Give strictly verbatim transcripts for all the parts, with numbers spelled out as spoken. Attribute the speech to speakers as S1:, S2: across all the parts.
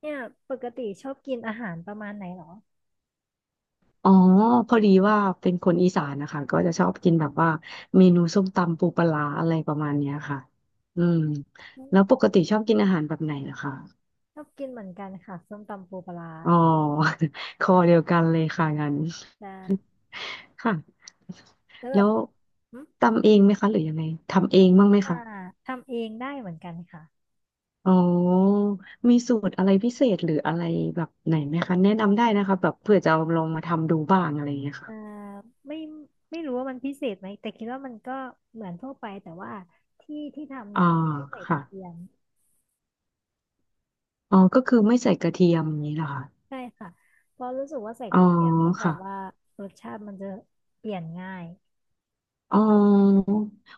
S1: เนี่ยปกติชอบกินอาหารประมาณไหนเหรอ
S2: อ๋อพอดีว่าเป็นคนอีสานนะคะก็จะชอบกินแบบว่าเมนูส้มตำปูปลาร้าอะไรประมาณเนี้ยค่ะอืม
S1: อืม
S2: แล้วปกติชอบกินอาหารแบบไหนล่ะคะ
S1: ชอบกินเหมือนกันค่ะส้มตำปูปลาร้า
S2: อ๋อ คอเดียวกันเลยค่ะงั้น
S1: แต่
S2: ค่ะ
S1: แล้วแบ
S2: แล้
S1: บ
S2: ว
S1: อม
S2: ตำเองไหมคะหรือยังไงทำเองบ้างไหม
S1: อ่า
S2: คะ
S1: ทำเองได้เหมือนกันค่ะ
S2: อ๋อมีสูตรอะไรพิเศษหรืออะไรแบบไหนไหมคะแนะนำได้นะคะแบบเผื่อจะเอาลองมาทำดูบ้างอะไรอย่างเงี้ย
S1: เอ่
S2: ค่ะ
S1: อไม่ไม่รู้ว่ามันพิเศษไหมแต่คิดว่ามันก็เหมือนทั่วไปแต่ว่าที่ที่ทำ
S2: อ๋
S1: เนี่
S2: อ
S1: ยไม่ใส่ก
S2: ค่ะ
S1: ระเทียม
S2: อ๋อก็คือไม่ใส่กระเทียมอย่างนี้เหรอคะ
S1: ใช่ค่ะเพราะรู้สึกว่าใส่ก
S2: อ๋อ
S1: ระเทียมแล้วแบ
S2: ค่ะ
S1: บว่ารสชาติมันจะเปลี่ยนง่าย
S2: อ๋อ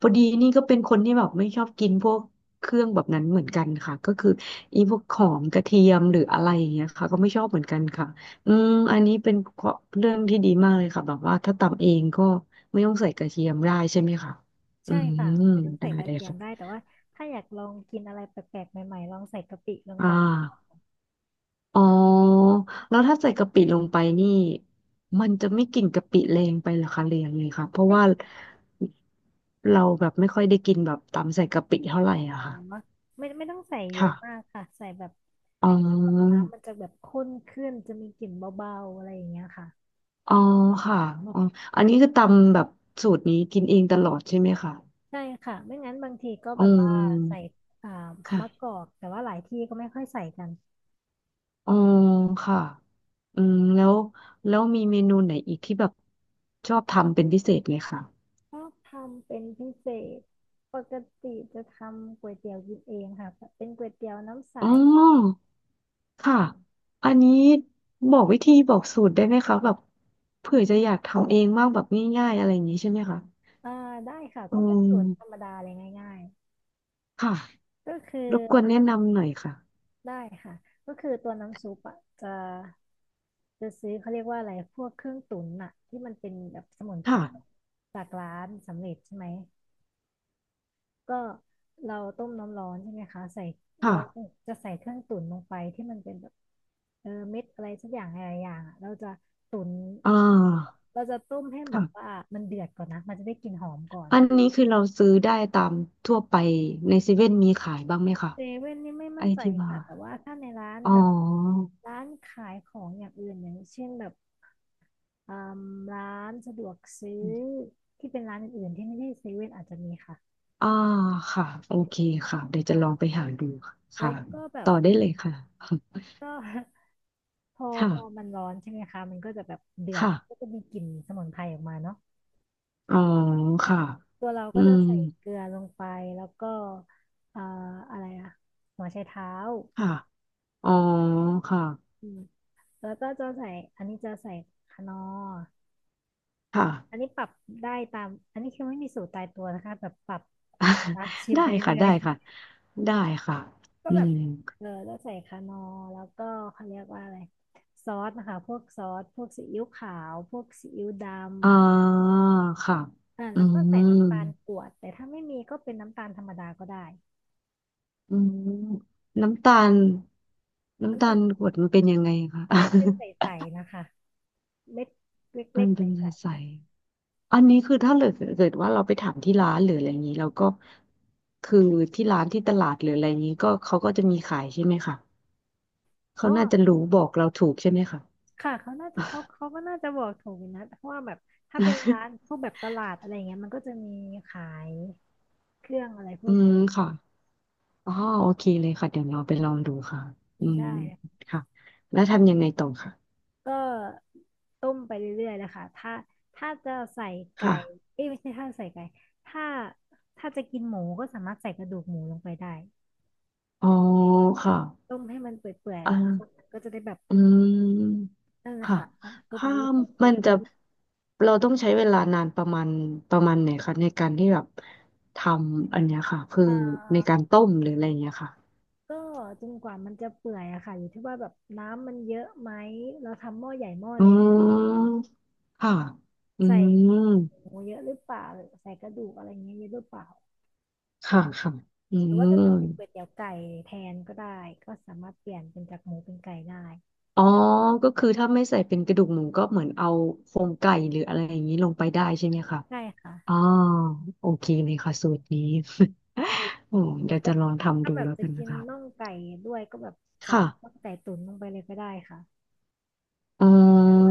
S2: พอดีนี่ก็เป็นคนที่แบบไม่ชอบกินพวกเครื่องแบบนั้นเหมือนกันค่ะก็คืออีพวกหอมกระเทียมหรืออะไรอย่างเงี้ยค่ะก็ไม่ชอบเหมือนกันค่ะอืมอันนี้เป็นข้อเรื่องที่ดีมากเลยค่ะแบบว่าถ้าตำเองก็ไม่ต้องใส่กระเทียมได้ใช่ไหมคะอื
S1: ใช่
S2: ม
S1: ค่ะไม่ต้อง
S2: ได้
S1: ใส่กระ
S2: เลย
S1: เทียม
S2: ค่ะ
S1: ได้แต่ว่าถ้าอยากลองกินอะไรแปลกๆใหม่ๆลองใส่กะปิลง
S2: อ่
S1: ไป
S2: าอ๋อแล้วถ้าใส่กะปิลงไปนี่มันจะไม่กลิ่นกะปิแรงไปเหรอคะเรียงเลยค่ะเพราะว่าเราแบบไม่ค่อยได้กินแบบตำใส่กะปิเท่าไหร่อะค่ะ
S1: ไม่ไม่ต้องใส่เยอะมาก
S2: ค่ะ
S1: ค่ะใส่แบบ
S2: อ๋อ
S1: ให้มันแบบน้ำมันจะแบบข้นขึ้นจะมีกลิ่นเบาๆอะไรอย่างเงี้ยค่ะ
S2: อ๋อค่ะอ๋ออันนี้คือตำแบบสูตรนี้กินเองตลอดใช่ไหมคะ
S1: ใช่ค่ะไม่งั้นบางทีก็
S2: อื
S1: แบบว่าใส่
S2: ม
S1: อ่ามะกอ
S2: ค่ะ
S1: กแต่ว่าหลายที่ก็ไม่ค่อยใส่กัน
S2: อ๋อค่ะอืมแล้วแล้วมีเมนูไหนอีกที่แบบชอบทำเป็นพิเศษไหมคะ
S1: ชอบทำเป็นพิเศษปกติจะทำก๋วยเตี๋ยวกินเองค่ะเป็นก๋วยเตี๋ยวน้ำใส
S2: อ๋อค่ะอันนี้บอกวิธีบอกสูตรได้ไหมคะแบบเผื่อจะอยากทำเองมากแบบง่ายๆอะไรอย่างนี้ใช่ไหมคะ
S1: อ่าได้ค่ะ
S2: อื
S1: ก็เป็นสูตรธรรม
S2: ม
S1: ดาเลยง่าย
S2: ค่ะ
S1: ๆก็คือ
S2: รบกวนแนะนำหน่อยค่ะ
S1: ได้ค่ะก็คือตัวน้ำซุปอะจะ จะซื้อเขาเรียกว่าอะไรพวกเครื่องตุ๋นอะที่มันเป็นแบบสมุนไพร
S2: ค่ะ
S1: จากร้านสำเร็จใช่ไหมก็เราต้มน้ำร้อนใช่ไหมคะใส่
S2: ค่ะ
S1: เราจะใส่เครื่องตุ๋นลงไปที่มันเป็นแบบเออเม็ดอะไรสักอย่างอะไรอย่างอะเราจะตุ๋น
S2: อ่า
S1: เราจะต้มให้แบบว่า
S2: ค่ะ
S1: มันเดือดก่อนนะมันจะได้กลิ่นหอมก่อน
S2: อันนี้คือเราซื้อได้ตามทั่วไปในเซเว่นมีขายบ้างไหมคะ
S1: เซเว่นนี่ไม่
S2: ไอ
S1: มั่นใจ
S2: ที่ว่า
S1: ค่ะแต่ว่าถ้าในร้าน
S2: อ๋อ
S1: แบบร้านขายของอย่างอื่นอย่างเช่นแบบ อมร้านสะดวกซื้อที่เป็นร้านอื่นๆที่ไม่ใช่เซเว่นอาจจะมีค่ะ
S2: อ่าค่ะโอเคค่ะเดี๋ยวจะ
S1: อ่า
S2: ลองไปหาดูค่ะ
S1: แล้
S2: ค่ะ
S1: วก็แบบ
S2: ต่อได้เลยค่ะ
S1: ก็ พอพอ
S2: ค่ะ
S1: มันร้อนใช่ไหมคะมันก็จะแบบเดือด
S2: ค่ะ
S1: มันก็จะมีกลิ่นสมุนไพรออกมาเนาะ
S2: อ๋อค่ะ
S1: ตัวเรา
S2: อื
S1: ก็จะ
S2: ม
S1: ใส่เกลือลงไปแล้วก็เอ่ออะไรอะหัวไชเท้า
S2: ค่ะอ๋อค่ะ
S1: อืมแล้วก็จะใส่อันนี้จะใส่คนนอร์
S2: ค่ะ
S1: อันนี้ปรับได้ตามอันนี้คือไม่มีสูตรตายตัวนะคะแบบปรับเอา ตาม ชิม
S2: ได้
S1: ไป
S2: ค่ะ
S1: เรื่อ
S2: ได้
S1: ย
S2: ค่ะ ได้ค่ะ
S1: ก็
S2: อื
S1: แบบ
S2: ม
S1: เออก็ใส่คานอร์แล้วก็เขาเรียกว่าอะไรซอสนะคะพวกซอสพวกซีอิ๊วขาวพวกซีอิ๊วดำ
S2: อ่าค่ะ
S1: อ่า
S2: อื
S1: แล้วก็
S2: ม
S1: ใส่น้ำตาลกวดแต่ถ้าไม่มีก็เป็นน้ำตาลธรรมดาก็ได้
S2: อืมน้ำตาลน้ำ
S1: น้ำ
S2: ตา
S1: ตา
S2: ล
S1: ล
S2: กรวดมันเป็นยังไงคะ
S1: มันจะเป็นใส ๆนะคะเม็ดเ
S2: มั
S1: ล็
S2: น
S1: กๆ
S2: เป็นใ
S1: ใส
S2: สๆอันนี้คือถ้าเกิดเกิดว่าเราไปถามที่ร้านหรืออะไรอย่างนี้เราก็คือที่ร้านที่ตลาดหรืออะไรอย่างนี้ก็เขาก็จะมีขายใช่ไหมคะ
S1: ๆ
S2: เขา
S1: อ๋อ
S2: น่าจะรู้บอกเราถูกใช่ไหมคะ
S1: ค่ะเขาน่าจะเขาเขาก็น่าจะบอกถูกอยู่นะเพราะว่าแบบถ้าเป็นร้านพวกแบบตลาดอะไรเงี้ยมันก็จะมีขายเครื่องอะไรพ ว
S2: อื
S1: ก
S2: ม
S1: นี
S2: ค่ะอ๋อโอเคเลยค่ะเดี๋ยวเราไปลองดูค่ะอื
S1: ้
S2: ม
S1: ได้
S2: ค่ะแล้วทำยังไงต่อค่ะ
S1: ก็ต้มไปเรื่อยๆนะคะถ้าถ้าจะใส่ไก่
S2: ค่ะ
S1: เอ้ยไม่ใช่ถ้าใส่ไก่ถ้าถ้าจะกินหมูก็สามารถใส่กระดูกหมูลงไปได้
S2: อ๋อค่ะ
S1: ต้มให้มันเปื่อย
S2: อ่า
S1: ๆน้ำซุปมันก็จะได้แบบ
S2: อืม
S1: นั่นแหละ
S2: ค่ะ
S1: ค่ะน้ำซุปมั
S2: ถ้า
S1: นจะได้เข้มข้
S2: มั
S1: น
S2: นจะเราต้องใช้เวลานานประมาณประมาณไหนคะในการที่แบบทำอันเนี้ยค่ะคือ
S1: อ่
S2: ในกา
S1: า
S2: รต้มหรืออะไรอย่างเงี้ยค่ะ
S1: ก็จนกว่ามันจะเปื่อยอะค่ะอยู่ที่ว่าแบบน้ำมันเยอะไหมเราทำหม้อใหญ่หม้อ
S2: อื
S1: เล็ก
S2: มค่ะอื
S1: ใส่
S2: ม
S1: หมูเยอะหรือเปล่าหรือใส่กระดูกอะไรเงี้ยเยอะหรือเปล่า
S2: ค่ะค่ะอื
S1: หรือ
S2: ม
S1: ว่าจะทำเป็นก๋วยเตี๋ยวไก่แทนก็ได้ก็สามารถเปลี่ยนเป็นจากหมูเป็นไก่ได้
S2: อ๋อก็คือถ้าไม่ใส่เป็นกระดูกหมูก็เหมือนเอาโครงไก่หรืออะไรอย่างนี้ลงไปได้ใช่ไหมคะ
S1: ใช่ค่ะ
S2: อ๋อโอเคเลยค่ะสูตรนี้ โอ้
S1: แต่
S2: เดี๋ยว
S1: ก็
S2: จะลองทำ
S1: ถ้า
S2: ดู
S1: แบบ
S2: แล้ว
S1: จะ
S2: กัน
S1: กิ
S2: นะ
S1: น
S2: คะ
S1: น่องไก่ด้วยก็แบบใส่
S2: ค่ะ
S1: น่องไก่ตุ๋นลงไปเลยก็ได้ค่ะ
S2: อ๋อ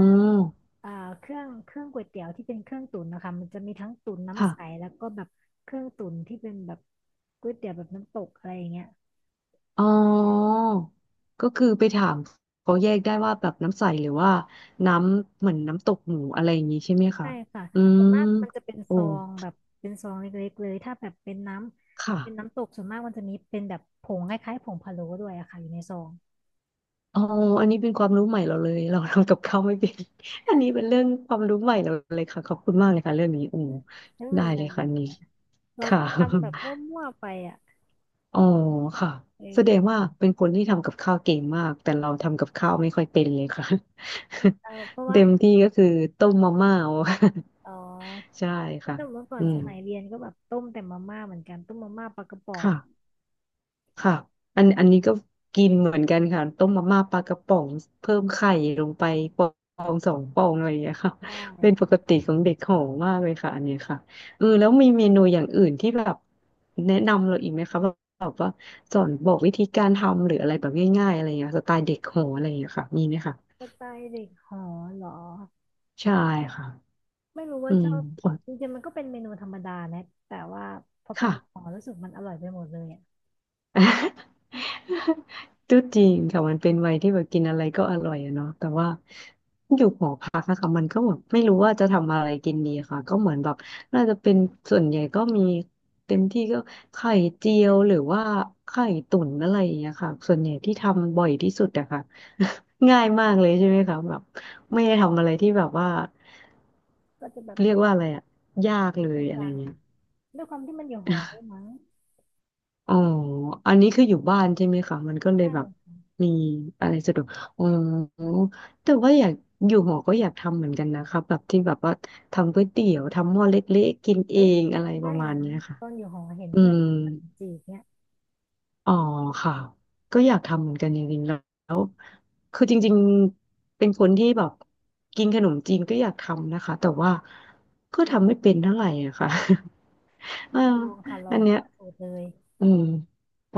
S1: อ่าเครื่องเครื่องก๋วยเตี๋ยวที่เป็นเครื่องตุ๋นนะคะมันจะมีทั้งตุ๋น
S2: ค่ะ
S1: น้ำใสแล้วก็แบบเครื่องตุ๋นที่เป็นแบบก๋วยเตี๋ยวแบบน้ำตกอะไรอย่างเงี้ย
S2: อ๋อก็คือไปถามเขาแยกได้ว่าแบบน้ำใสหรือว่าน้ำเหมือนน้ำตกหมูอะไรอย่างนี้ใช่ไหมคะ
S1: ใช่ค่ะ
S2: อื
S1: ส่
S2: ม
S1: วนมากมันจะเป็น
S2: โอ้
S1: ซองแบบเป็นซองเล็กๆเลยถ้าแบบเป็นน้ำเป็น
S2: ค่ะ
S1: น้ำตกส่วนมากมันจะมีเป็นแบบผงคล้ายๆผงพะโล้ด้วยอะค่ะอยู่ในซอง
S2: อ๋ออันนี้เป็นความรู้ใหม่เราเลยเราทำกับข้าวไม่เป็น อันนี้เป็นเรื่องความรู้ใหม่เราเลยค่ะขอบคุณมากเลยค่ะเรื่องนี้อืม
S1: ไม่เป็
S2: ได้
S1: นไร
S2: เลยค่ะอันนี้
S1: เรา
S2: ค่ะ
S1: ก็ทำแบบมั่วๆไปอะ
S2: อ๋อค่ะ
S1: เอ
S2: แสดง
S1: อ
S2: ว่าเป็นคนที่ทำกับข้าวเก่งมากแต่เราทำกับข้าวไม่ค่อยเป็นเลยค่ะ
S1: เออเพราะ ว่า
S2: เต็มที่ก็คือต้มมาม่า เอา
S1: อ๋อ
S2: ใช่ค่ะ
S1: แต่เมื่อก่อ
S2: อื
S1: นส
S2: ม
S1: มัยเรียนก็แบบต้มแต่มาม่าเหมือนกันต้มมาม่าปลากระป๋อง
S2: ค่ะ ค่ะอันอันนี้ก็กินเหมือนกันค่ะต้มมาม่าปลากระป๋องเพิ่มไข่ลงไปฟองสองฟองอะไรอย่างเงี้ยค่ะ
S1: ได้
S2: เป็นปกติของเด็กหอมมากเลยค่ะอันเนี้ยค่ะเออแล้วมีเมนูอย่างอื่นที่แบบแนะนำเราอีกไหมคะแบบแบบว่าสอนบอกวิธีการทำหรืออะไรแบบง่ายๆอะไรอย่างเงี้ยสไตล์เด็กหออะไรอย่างเงี้ยค่ะมีไหมคะ
S1: สไตล์เด็กหอเหรอ
S2: ใช่ค่ะ
S1: ไม่รู้ว่า
S2: อื
S1: ช
S2: ม
S1: อบจริงๆมันก็เป็นเมนูธรรมดานะแต่ว่าพอเป็น
S2: ค่ะ
S1: เด็กหอรู้สึกมันอร่อยไปหมดเลยอ่ะ
S2: ก็จริงค่ะมันเป็นวัยที่แบบกินอะไรก็อร่อยอะเนาะแต่ว่าอยู่หอพักอะค่ะมันก็แบบไม่รู้ว่าจะทำอะไรกินดีค่ะก็เหมือนแบบน่าจะเป็นส่วนใหญ่ก็มีเต็มที่ก็ไข่เจียวหรือว่าไข่ตุ๋นอะไรอย่างเงี้ยค่ะส่วนใหญ่ที่ทำบ่อยที่สุดอะค่ะ ง่ายมากเลยใช่ไหมคะแบบไม่ได้ทำอะไรที่แบบว่า
S1: ก็จะแบบ
S2: เรียกว่าอะไรอะยาก
S1: ติด
S2: เล
S1: เป็
S2: ย
S1: น
S2: อะไร
S1: จาง
S2: เงี้ย
S1: ด้วยความที่มันอยู่หอด้วยมั้ง
S2: อ๋ออันนี้คืออยู่บ้านใช่ไหมคะมันก็เลย
S1: ใช่
S2: แบบมีอะไรสะดวกอ๋อแต่ว่าอยากอยู่หอก็อยากทำเหมือนกันนะคะแบบที่แบบว่าทำก๋วยเตี๋ยวทำหม้อเล็กๆกินเอ
S1: เฮ้ย
S2: งอะไร
S1: ทำ
S2: ป
S1: ได้
S2: ระมาณ
S1: นะ
S2: เนี้ยค่ะ
S1: ตอนอยู่หอเห็น
S2: อื
S1: เพื่อน
S2: ม
S1: ทำขนมจีบเนี่ย
S2: อ๋อค่ะก็อยากทำเหมือนกันจริงๆแล้วคือจริงๆเป็นคนที่แบบกินขนมจีนก็อยากทำนะคะแต่ว่าก็ทำไม่เป็นเท่าไหร่อะค่ะ เออ
S1: ลองค่ะลอ
S2: อั
S1: ง
S2: นเนี้ย
S1: เปิดสูตรเลย
S2: อืมอ๋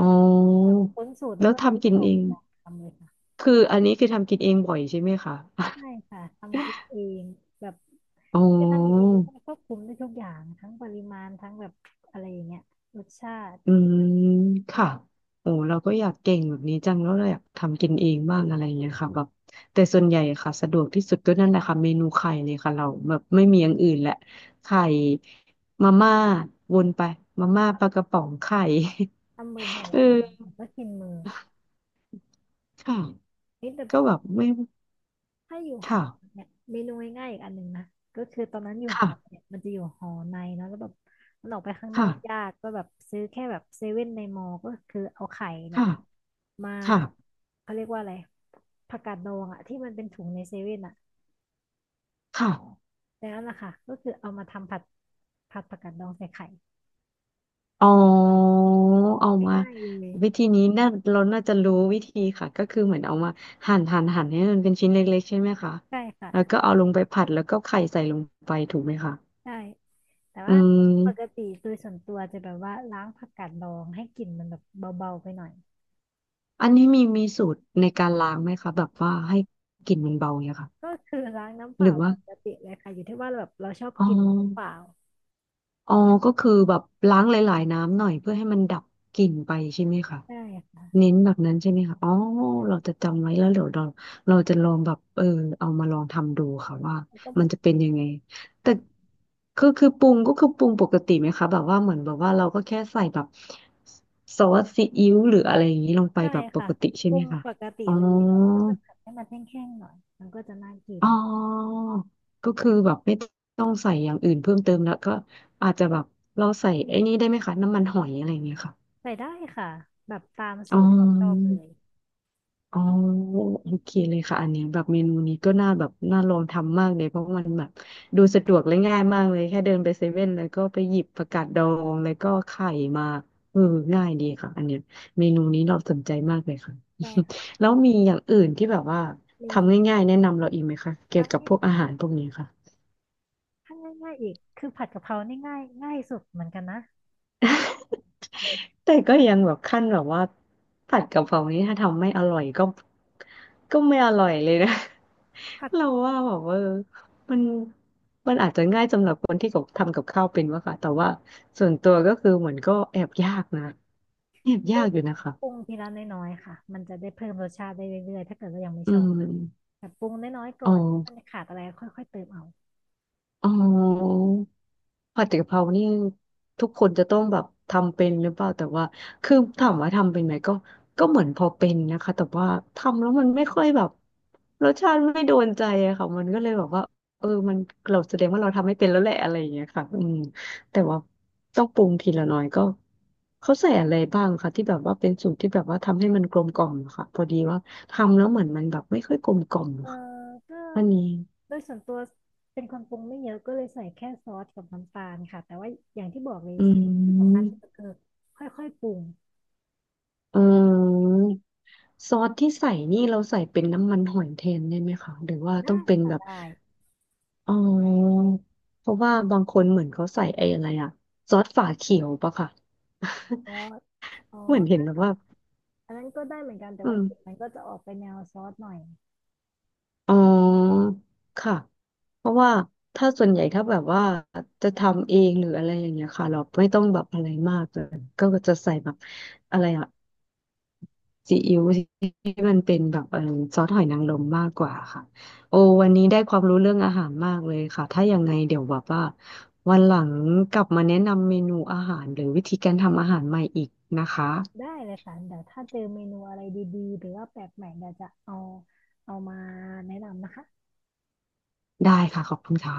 S1: แบ
S2: อ
S1: บค้นสูตรแล้ว
S2: แล้ว
S1: ก็ซื้อ
S2: ทำกิ
S1: ข
S2: น
S1: อง
S2: เอง
S1: มาลองทำเลยค่ะ
S2: คืออันนี้คือทำกินเองบ่อยใช่ไหมคะ
S1: ใช่ค่ะทำกินเองแบบ
S2: อ๋
S1: จะทำกินเอ
S2: อ
S1: งแล้วมันควบคุมได้ทุกอย่างทั้งปริมาณทั้งแบบอะไรอย่างเงี้ยรสชาติ
S2: อืมค่ะโอ้เราก็อยากเก่งแบบนี้จังแล้วเราอยากทำกินเองบ้างอะไรอย่างเงี้ยค่ะแบบแต่ส่วนใหญ่ค่ะสะดวกที่สุดก็นั่นแหละค่ะเมนูไข่เลยค่ะเราแบบไม่มีอย่างอื่นแหละไข่มาม่าวนไปมาม่าปลากระป๋องไข่
S1: ทำบ่อ ย
S2: เอ
S1: ๆค่ะ
S2: อ
S1: แล้วก็กินมือ
S2: ค่ะ
S1: เฮ้ยแต่
S2: ก็แบบไม่
S1: ถ้าอยู่หอ
S2: ค่ะ
S1: เนี่ยเมนูง่ายๆอีกอันหนึ่งนะก็คือตอนนั้นอยู่ห
S2: ค่ะ
S1: อเนี่ยมันจะอยู่หอในเนาะแล้วแบบมันออกไปข้างนอ
S2: ค่ะ
S1: กยากก็แบบซื้อแค่แบบเซเว่นในมอก็คือเอาไข่เนี่ย
S2: ค่ะ
S1: มา
S2: ค่ะ
S1: เขาเรียกว่าอะไรผักกาดดองอะที่มันเป็นถุงในเซเว่นอะ
S2: ค่ะ
S1: แล้วล่ะค่ะก็คือเอามาทำผัดผัดผักกาดดองใส่ไข่
S2: อ๋อเอามา
S1: ง่ายๆเลย
S2: วิธีนี้น่าเราน่าจะรู้วิธีค่ะก็คือเหมือนเอามาหั่นหั่นหั่นให้มันเป็นชิ้นเล็กๆใช่ไหมคะ
S1: ใช่ค่ะ
S2: แล้วก็เอาลงไปผัดแล้วก็ไข่ใส่ลงไปถูกไหมคะ
S1: ใช่แต่
S2: อื
S1: ว่าปก
S2: ม
S1: ติโดยส่วนตัวจะแบบว่าล้างผักกาดดองให้กลิ่นมันแบบเบาๆไปหน่อย
S2: อันนี้มีมีสูตรในการล้างไหมคะแบบว่าให้กลิ่นมันเบาเนี่ยค่ะ
S1: ก็คือล้างน้ำเป
S2: หรื
S1: ล่า
S2: อ
S1: ป
S2: ว่า
S1: กติเลยค่ะอยู่ที่ว่าเราแบบเราชอบ
S2: อ๋อ
S1: กลิ่นมันหรือเปล่า
S2: อ๋อก็คือแบบล้างหลายๆน้ำหน่อยเพื่อให้มันดับกลิ่นไปใช่ไหมคะ
S1: ใช่ค่ะ
S2: เน้นแบบนั้นใช่ไหมคะอ๋อเราจะจำไว้แล้วเดี๋ยวเราเราจะลองแบบเออเอามาลองทำดูค่ะว่า
S1: แล้วก็แบ
S2: มัน
S1: บ
S2: จะเป็นยังไงแต่คือคือปรุงก็คือปรุงปกติไหมคะแบบว่าเหมือนแบบว่าเราก็แค่ใส่แบบซอสซีอิ๊วหรืออะไรอย่างนี้ลงไป
S1: ใช่
S2: แบบป
S1: ค่ะ
S2: กติใช่
S1: ป
S2: ไห
S1: รุ
S2: ม
S1: ง
S2: คะ
S1: ปกติ
S2: อ๋อ
S1: เลยแต่ว่าก็จะผัดให้มันแห้งๆหน่อยมันก็จะน่ากิน
S2: อ๋อก็คือแบบไม่ต้องใส่อย่างอื่นเพิ่มเติมแล้วก็อาจจะแบบเราใส่ไอ้นี่ได้ไหมคะน้ำมันหอยอะไรอย่างเงี้ยค่ะ
S1: ใส่ได้ค่ะแบบตาม
S2: อ๋
S1: สู
S2: อ
S1: ตรความชอบเลย
S2: อ๋อโอเคเลยค่ะอันเนี้ยแบบเมนูนี้ก็น่าแบบน่าลองทำมากเลยเพราะมันแบบดูสะดวกและง่ายมากเลยแค่เดินไปเซเว่นแล้วก็ไปหยิบผักกาดดองแล้วก็ไข่มาเออง่ายดีค่ะอันเนี้ยเมนูนี้เราสนใจมากเลยค่ะ
S1: ใช่ค่ะ
S2: แล้วมีอย่างอื่นที่แบบว่า
S1: เมนู
S2: ทำง่ายๆแนะนำเราอีกไหมคะเกี่ยว
S1: ทำ
S2: กับ
S1: ง่าย
S2: พวกอาหารพวกนี้ค่ะ
S1: ถ้าง่ายๆอีกคือผัดกะเพรานี่ง่ายง่ายสุดเหมือนกันนะ
S2: แต่ก็ยังแบบขั้นแบบว่าผัดกะเพรานี้ถ้าทำไม่อร่อยก็ก็ไม่อร่อยเลยนะ
S1: ผั ด
S2: เราว่าแบบว่าเออมันมันอาจจะง่ายสำหรับคนที่กับทำกับข้าวเป็นวะค่ะแต่ว่าส่วนตัวก็คือเหมือนก็แอบยากนะแอบ
S1: ก็
S2: ยากอยู่นะ
S1: ปรุ
S2: คะ
S1: งทีละน้อยๆค่ะมันจะได้เพิ่มรสชาติได้เรื่อยๆถ้าเกิดว่ายังไม่
S2: อื
S1: ชอบ
S2: ม
S1: แต่ปรุงน้อยๆก่
S2: อ๋
S1: อ
S2: อ
S1: นมันขาดอะไรค่อยๆเติมเอา
S2: อ๋อ ผัดกะเพรานี่ทุกคนจะต้องแบบทำเป็นหรือเปล่าแต่ว่าคือถามว่าทำเป็นไหมก็ก็เหมือนพอเป็นนะคะแต่ว่าทำแล้วมันไม่ค่อยแบบรสชาติไม่โดนใจอะค่ะมันก็เลยแบบว่าเออมันเราแสดงว่าเราทำไม่เป็นแล้วแหละอะไรอย่างเงี้ยค่ะอืมแต่ว่าต้องปรุงทีละน้อยก็เขาใส่อะไรบ้างคะที่แบบว่าเป็นสูตรที่แบบว่าทำให้มันกลมกล่อมอะค่ะพอดีว่าทำแล้วเหมือนมันแบบไม่ค่อยกลมกล่อม
S1: เอ
S2: อะ
S1: อ
S2: ค่ะ
S1: ก็
S2: อันนี้
S1: โดยส่วนตัวเป็นคนปรุงไม่เยอะก็เลยใส่แค่ซอสกับน้ำตาลค่ะแต่ว่าอย่างที่บอกเลย
S2: อื
S1: ที่สำคัญ
S2: ม
S1: ที่สุดคือค่อยๆปรุง
S2: เออ ซอสที่ใส่นี่เราใส่เป็นน้ำมันหอยแทนได้ไหมคะหรือว่าต้อ
S1: ได้
S2: งเป็น
S1: ค่ะ
S2: แบบ
S1: ได้
S2: อ๋อเพราะว่าบางคนเหมือนเขาใส่ไอ้อะไรอะซอสฝาเขียวปะค่ะ
S1: ซอสซอ
S2: เหมือนเห็น
S1: ส
S2: แบบว่า
S1: อันนั้นก็ได้เหมือนกันแต่
S2: อื
S1: ว่า
S2: ม
S1: กลิ่นมันก็จะออกไปแนวซอสหน่อย
S2: อ๋อค่ะเพราะว่าถ้าส่วนใหญ่ถ้าแบบว่าจะทำเองหรืออะไรอย่างเงี้ยค่ะเราไม่ต้องแบบอะไรมากเลยก็จะใส่แบบอะไรอะ ซีอิ๊วที่มันเป็นแบบเออซอสหอยนางรมมากกว่าค่ะโอ้วันนี้ได้ความรู้เรื่องอาหารมากเลยค่ะถ้ายังไงเดี๋ยวแบบว่าวันหลังกลับมาแนะนำเมนูอาหารหรือวิธีการทำอาหารใหม่อีกนะคะ
S1: ได้เลยค่ะเดี๋ยวถ้าเจอเมนูอะไรดีๆหรือว่าแปลกใหม่เดี๋ยวจะเอาเอามาแนะนำนะคะ
S2: ได้ค่ะขอบคุณค่ะ